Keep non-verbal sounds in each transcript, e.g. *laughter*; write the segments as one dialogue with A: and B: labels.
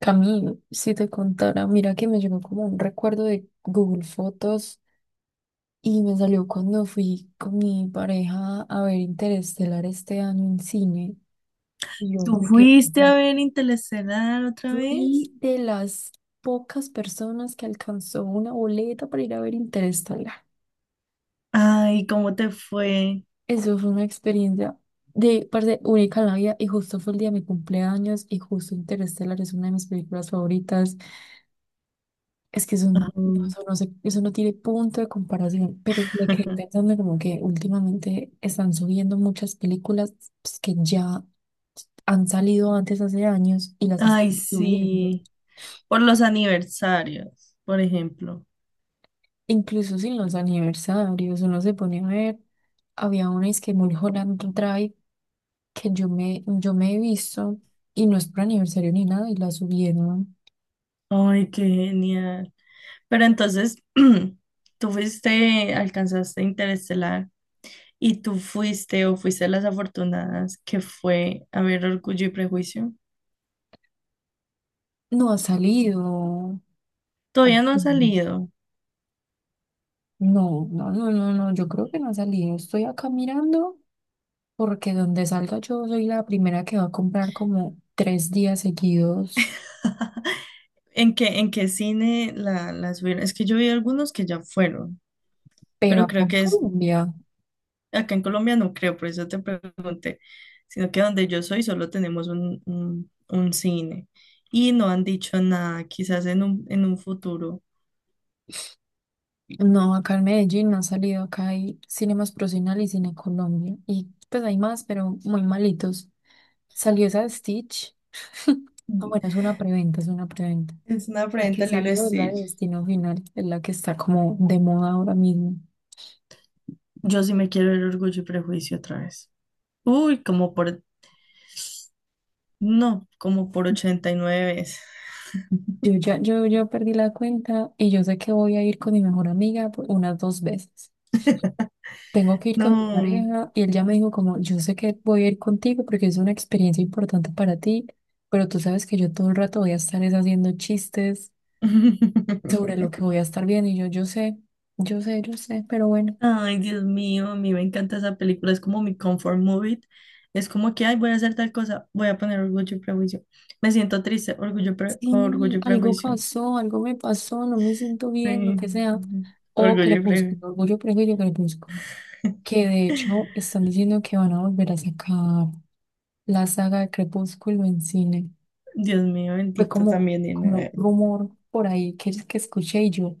A: Camille, si te contara, mira que me llegó como un recuerdo de Google Fotos y me salió cuando fui con mi pareja a ver Interestelar este año en cine. Y yo
B: ¿Tú
A: me que
B: fuiste a ver Interestelar otra vez?
A: fui de las pocas personas que alcanzó una boleta para ir a ver Interestelar.
B: Ay, ¿cómo te fue?
A: Eso fue una experiencia de parte única en la vida, y justo fue el día de mi cumpleaños, y justo Interestelar es una de mis películas favoritas. Es que eso no, no,
B: Ay,
A: eso no se- eso no tiene punto de comparación, pero me quedé
B: *laughs*
A: pensando como que últimamente están subiendo muchas películas, pues, que ya han salido antes hace años y las
B: ay,
A: están subiendo.
B: sí. Por los aniversarios, por ejemplo.
A: Incluso sin los aniversarios, uno se pone a ver, había una, es que Mulholland Drive, que yo me he visto, y no es por aniversario ni nada, y la subieron.
B: Ay, qué genial. Pero entonces, *clears throat* tú fuiste, alcanzaste Interestelar y tú fuiste o fuiste a las afortunadas que fue a ver Orgullo y Prejuicio.
A: No ha salido.
B: Todavía no ha
A: Ujú.
B: salido.
A: No, no, no, no, no, yo creo que no ha salido. Estoy acá mirando. Porque donde salga, yo soy la primera que va a comprar como 3 días seguidos,
B: ¿En qué cine la subieron? Es que yo vi algunos que ya fueron,
A: pero
B: pero
A: acá
B: creo
A: en
B: que es
A: Colombia,
B: acá en Colombia. No creo, por eso te pregunté, sino que donde yo soy solo tenemos un cine y no han dicho nada, quizás en un futuro.
A: no, acá en Medellín han salido. Acá hay Cine Más Procinal y Cine Colombia, y pues hay más, pero muy malitos. Salió esa de Stitch, ah bueno, es una preventa, es una preventa.
B: Es una
A: La
B: afrenta
A: que
B: al Lilo y
A: salió es la de
B: Stitch.
A: Destino Final, es la que está como de moda ahora mismo.
B: Yo sí me quiero ver Orgullo y Prejuicio otra vez. Uy, como por, no, como por 89 veces.
A: Yo perdí la cuenta, y yo sé que voy a ir con mi mejor amiga por unas 2 veces. Tengo que ir con mi
B: No.
A: pareja y él ya me dijo como, yo sé que voy a ir contigo porque es una experiencia importante para ti, pero tú sabes que yo todo el rato voy a estar es haciendo chistes
B: *laughs*
A: sobre lo que voy a estar viendo, y yo sé, pero bueno,
B: Ay, Dios mío, a mí me encanta esa película, es como mi comfort movie. Es como que, ay, voy a hacer tal cosa, voy a poner Orgullo y Prejuicio. Me siento triste,
A: sí,
B: Orgullo y
A: algo
B: Prejuicio.
A: pasó, algo me pasó, no me siento bien, lo
B: Sí,
A: que sea, o
B: Orgullo y
A: Crepúsculo,
B: Prejuicio.
A: Orgullo, Prejuicio, Crepúsculo, que de hecho están diciendo que van a volver a sacar la saga de Crepúsculo en cine.
B: Dios mío,
A: Fue
B: bendito,
A: como,
B: también,
A: como un rumor por ahí que escuché, y yo.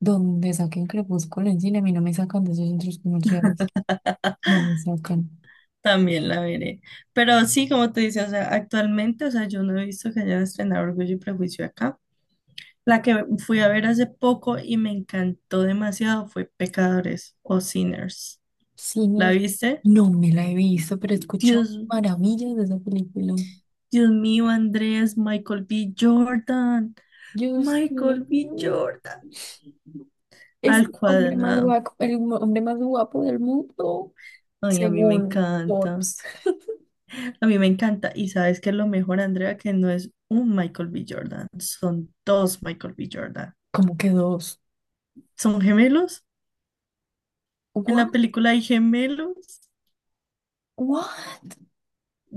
A: Donde saquen Crepúsculo en cine, a mí no me sacan de esos centros comerciales. No me sacan.
B: también la veré. Pero sí, como te dice, o sea, actualmente, o sea, yo no he visto que hayan estrenado Orgullo y Prejuicio acá. La que fui a ver hace poco y me encantó demasiado fue Pecadores o Sinners. ¿La
A: Sinners,
B: viste?
A: no me la he visto, pero he escuchado
B: Dios.
A: maravillas de esa película.
B: Dios mío, Andrés,
A: Yo soy,
B: Michael B. Jordan,
A: es
B: al
A: el hombre más
B: cuadrado.
A: guapo, el hombre más guapo del mundo,
B: Ay, a mí me
A: según
B: encanta,
A: Forbes.
B: a mí me encanta. Y sabes que lo mejor, Andrea, que no es un Michael B. Jordan, son dos Michael B. Jordan.
A: Como que dos.
B: ¿Son gemelos? ¿En
A: What?
B: la película hay gemelos?
A: What?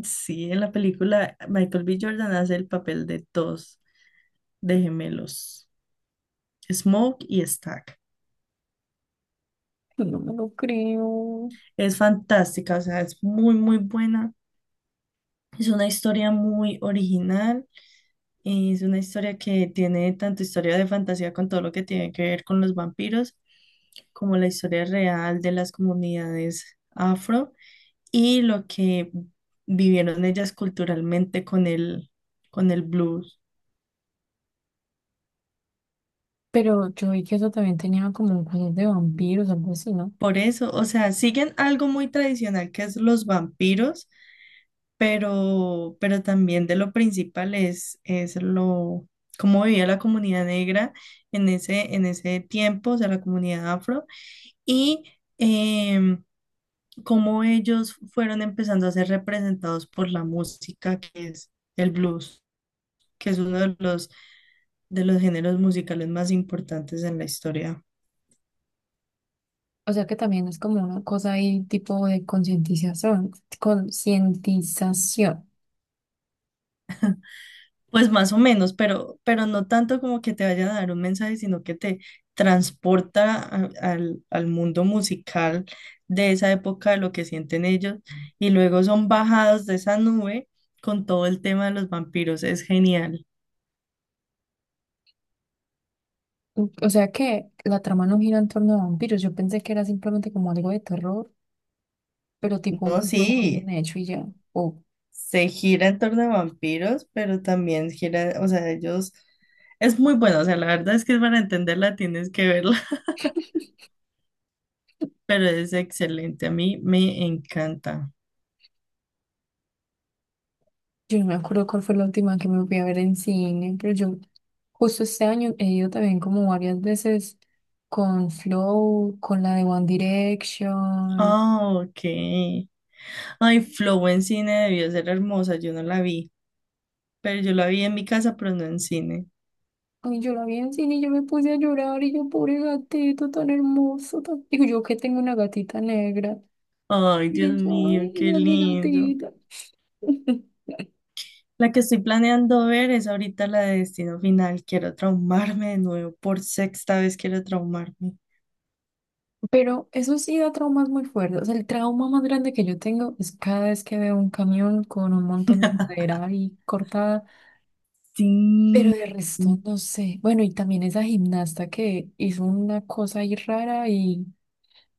B: Sí, en la película Michael B. Jordan hace el papel de dos de gemelos, Smoke y Stack.
A: No me lo creo.
B: Es fantástica, o sea, es muy, muy buena. Es una historia muy original, y es una historia que tiene tanto historia de fantasía con todo lo que tiene que ver con los vampiros, como la historia real de las comunidades afro y lo que vivieron ellas culturalmente con el blues.
A: Pero yo vi que eso también tenía como cosas de vampiros, algo así, ¿no?
B: Por eso, o sea, siguen algo muy tradicional que es los vampiros, pero también de lo principal es lo, cómo vivía la comunidad negra en ese tiempo, o sea, la comunidad afro y em, cómo ellos fueron empezando a ser representados por la música, que es el blues, que es uno de los géneros musicales más importantes en la historia.
A: O sea que también es como una cosa ahí tipo de concientización, concientización.
B: Pues más o menos, pero no tanto como que te vaya a dar un mensaje, sino que te transporta al mundo musical de esa época, de lo que sienten ellos, y luego son bajados de esa nube con todo el tema de los vampiros. Es genial.
A: O sea que la trama no gira en torno a vampiros. Yo pensé que era simplemente como algo de terror, pero tipo un
B: No,
A: terror muy bien
B: sí.
A: hecho y ya. O
B: Se gira en torno a vampiros, pero también gira, o sea, ellos, es muy bueno, o sea, la verdad es que para entenderla tienes que verla, *laughs* pero es excelente, a mí me encanta.
A: yo no me acuerdo cuál fue la última que me fui a ver en cine, pero yo justo este año he ido también como varias veces con Flow, con la de One Direction.
B: Ah, ok. Ay, Flow en cine debió ser hermosa, yo no la vi, pero yo la vi en mi casa, pero no en cine.
A: Y yo la vi en cine y yo me puse a llorar, y yo, pobre gatito tan hermoso, digo, yo que tengo una gatita negra.
B: Ay, Dios
A: Y yo,
B: mío,
A: ay,
B: qué
A: esa es mi
B: lindo.
A: gatita. *laughs*
B: La que estoy planeando ver es ahorita la de Destino Final. Quiero traumarme de nuevo, por sexta vez quiero traumarme.
A: Pero eso sí da traumas muy fuertes, o sea, el trauma más grande que yo tengo es cada vez que veo un camión con un montón de madera ahí cortada. Pero de
B: Sí,
A: resto
B: sí.
A: no sé. Bueno, y también esa gimnasta que hizo una cosa ahí rara y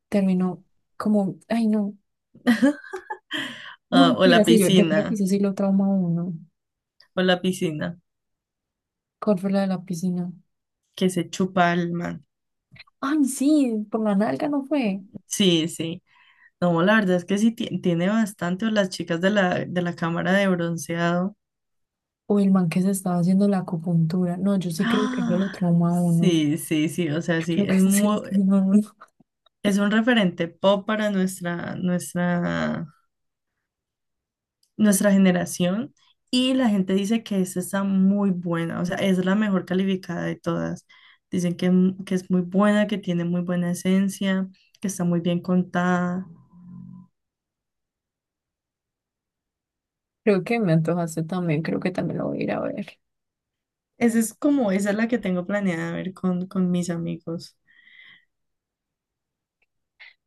A: terminó como, ay no. No,
B: Ah,
A: mira, sí, yo creo que eso sí lo trauma a uno.
B: o la piscina,
A: ¿Cuál fue la de la piscina?
B: que se chupa el man.
A: Ay, sí, por la nalga no fue.
B: Sí, sí. No, la verdad es que sí tiene bastante, o las chicas de la cámara de bronceado.
A: O el man que se estaba haciendo la acupuntura. No, yo sí creo que yo lo
B: Ah,
A: trauma a uno.
B: sí, sí, sí, o sea,
A: Yo
B: sí,
A: creo que
B: es
A: *laughs* sí se lo
B: muy,
A: trauma a uno.
B: es un referente pop para nuestra generación. Y la gente dice que esta está muy buena, o sea, es la mejor calificada de todas. Dicen que, que es muy buena, que tiene muy buena esencia, que está muy bien contada.
A: Creo que me antojaste también, creo que también lo voy a ir a ver.
B: Esa es como, esa es la que tengo planeada ver con mis amigos.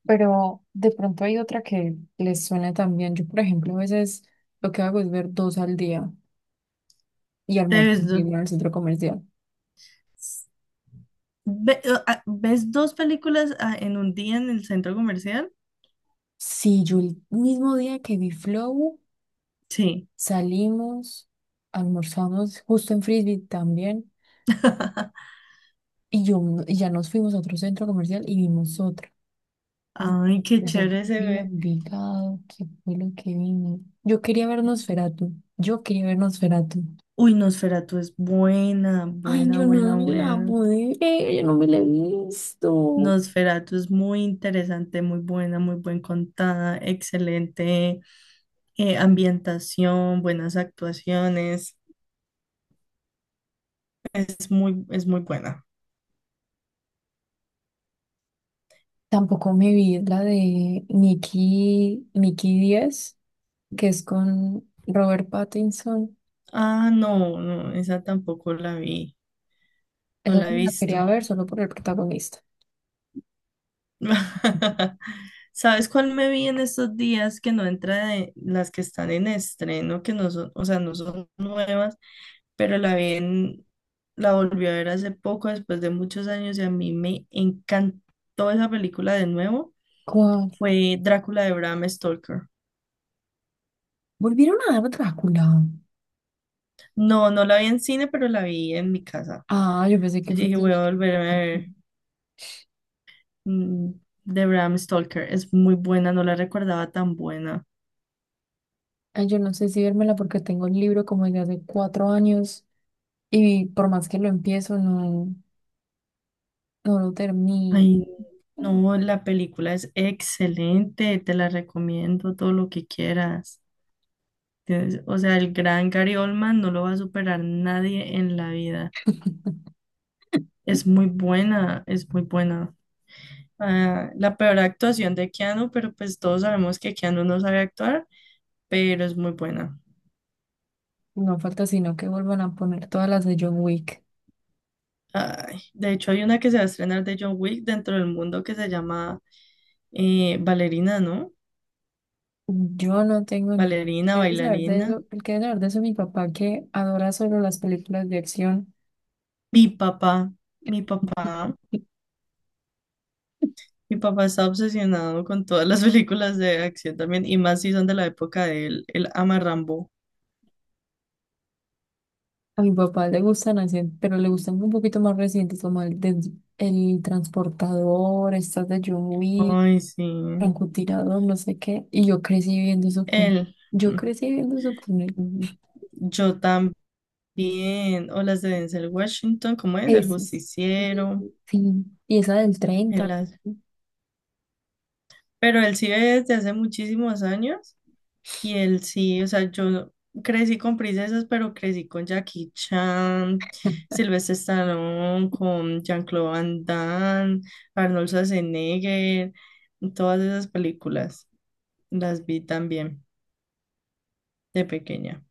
A: Pero de pronto hay otra que les suena también. Yo, por ejemplo, a veces lo que hago es ver 2 al día y
B: Te
A: almuerzo
B: ves, do-
A: bien en el centro comercial.
B: ve- ah, ¿ves dos películas en un día en el centro comercial?
A: Sí, yo el mismo día que vi Flow,
B: Sí.
A: salimos, almorzamos justo en Frisbee también. Y yo y ya nos fuimos a otro centro comercial y vimos otra. Di-
B: Ay, qué
A: Eso
B: chévere
A: fue,
B: se
A: digo,
B: ve.
A: Envigado, ¿qué fue lo que vino? Yo quería ver Nosferatu, yo quería ver Nosferatu.
B: Uy, Nosferatu es buena,
A: Ay,
B: buena,
A: yo no
B: buena,
A: me la
B: buena.
A: pude ver, yo no me la he visto.
B: Nosferatu es muy interesante, muy buena, muy buen contada, excelente ambientación, buenas actuaciones. Es muy buena.
A: Tampoco me vi la de Nicky, Nicky Díaz, que es con Robert Pattinson.
B: Ah, no, no, esa tampoco la vi, no
A: Esa
B: la
A: yo
B: he
A: me la
B: visto.
A: quería ver solo por el protagonista.
B: *laughs* ¿Sabes cuál me vi en estos días que no entra de las que están en estreno, que no son, o sea, no son nuevas, pero la vi la volví a ver hace poco, después de muchos años, y a mí me encantó esa película de nuevo,
A: ¿Cuál?
B: fue Drácula de Bram Stoker.
A: ¿Volvieron a dar Drácula?
B: No, no la vi en cine, pero la vi en mi casa.
A: Ah, yo pensé que
B: Yo
A: fue
B: dije,
A: solo
B: voy a
A: yo.
B: volverme a ver mm, de Bram Stoker. Es muy buena, no la recordaba tan buena.
A: Ay, yo no sé si vérmela porque tengo el libro como desde hace 4 años. Y por más que lo empiezo, no, no lo termino.
B: Ay, no, la película es excelente, te la recomiendo todo lo que quieras. O sea, el gran Gary Oldman no lo va a superar nadie en la vida. Es muy buena, es muy buena. Ah, la peor actuación de Keanu, pero pues todos sabemos que Keanu no sabe actuar, pero es muy buena.
A: No falta sino que vuelvan a poner todas las de John Wick.
B: Ay, de hecho, hay una que se va a estrenar de John Wick dentro del mundo que se llama Ballerina, ¿no?
A: Yo no tengo ni...
B: Bailarina,
A: ¿Qué debe saber de
B: bailarina.
A: eso? El que debe saber de eso es mi papá, que adora solo las películas de acción.
B: Mi papá, mi papá. Mi papá está obsesionado con todas las *laughs* películas de acción también, y más si son de la época de él. Él ama Rambo.
A: A mi papá le gustan así, pero le gustan un poquito más recientes, como el transportador, estas de John Wick.
B: Ay, sí.
A: Francotirador, no sé qué, y yo crecí viendo eso
B: Él.
A: con él.
B: Mm, Yo también. O las de Denzel Washington, ¿cómo es? El
A: Esas. Y-
B: justiciero.
A: Sí, y esa del
B: Él
A: 30
B: hace- Pero él sí ve desde hace muchísimos años. Y él sí, o sea, yo crecí con princesas, pero crecí con Jackie Chan, Sylvester Stallone, con Jean-Claude Van Damme, Arnold Schwarzenegger, todas esas películas las vi también de pequeña.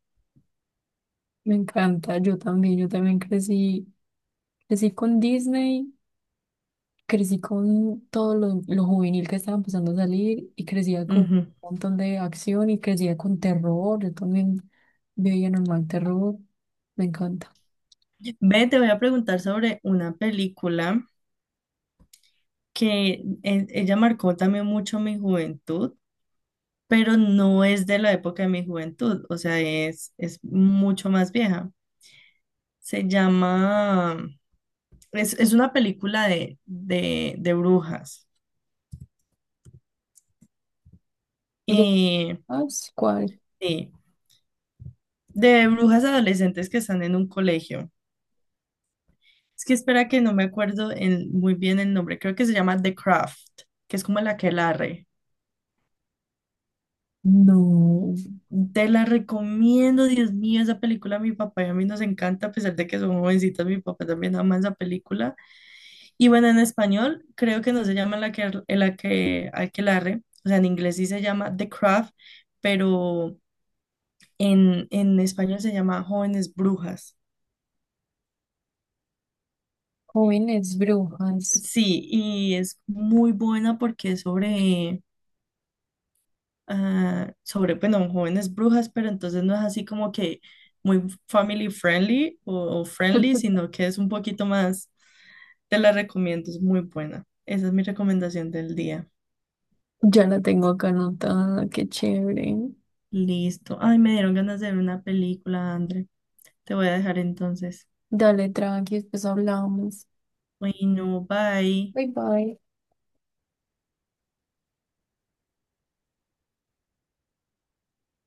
A: me encanta, yo también, crecí con Disney, crecí con todo lo juvenil que estaba empezando a salir, y crecía con un
B: Ujú.
A: montón de acción, y crecía con terror, yo también veía normal terror, me encanta.
B: Ve, te voy a preguntar sobre una película que ella marcó también mucho mi juventud, pero no es de la época de mi juventud, o sea, es mucho más vieja. Se llama. Es una película de brujas.
A: ¿Y de-
B: Eh,
A: sí, ¿cuál?
B: sí, de brujas adolescentes que están en un colegio. Es que espera que no me acuerdo muy bien el nombre. Creo que se llama The Craft, que es como la el aquelarre.
A: No,
B: Te la recomiendo, Dios mío, esa película a mi papá y a mí nos encanta, a pesar de que somos jovencitos, mi papá también ama esa película. Y bueno, en español creo que no se llama el, aquel- el aque- aquelarre, o sea, en inglés sí se llama The Craft, pero en español se llama Jóvenes Brujas.
A: jóvenes brujas.
B: Sí, y es muy buena porque es sobre, ah, sobre, bueno, jóvenes brujas, pero entonces no es así como que muy family friendly o friendly,
A: *laughs*
B: sino que es un poquito más, te la recomiendo, es muy buena. Esa es mi recomendación del día.
A: Ya la tengo acá anotada, qué chévere.
B: Listo. Ay, me dieron ganas de ver una película, André. Te voy a dejar entonces.
A: Dale, tranqui, después hablamos.
B: Bueno, bye.
A: Bye bye.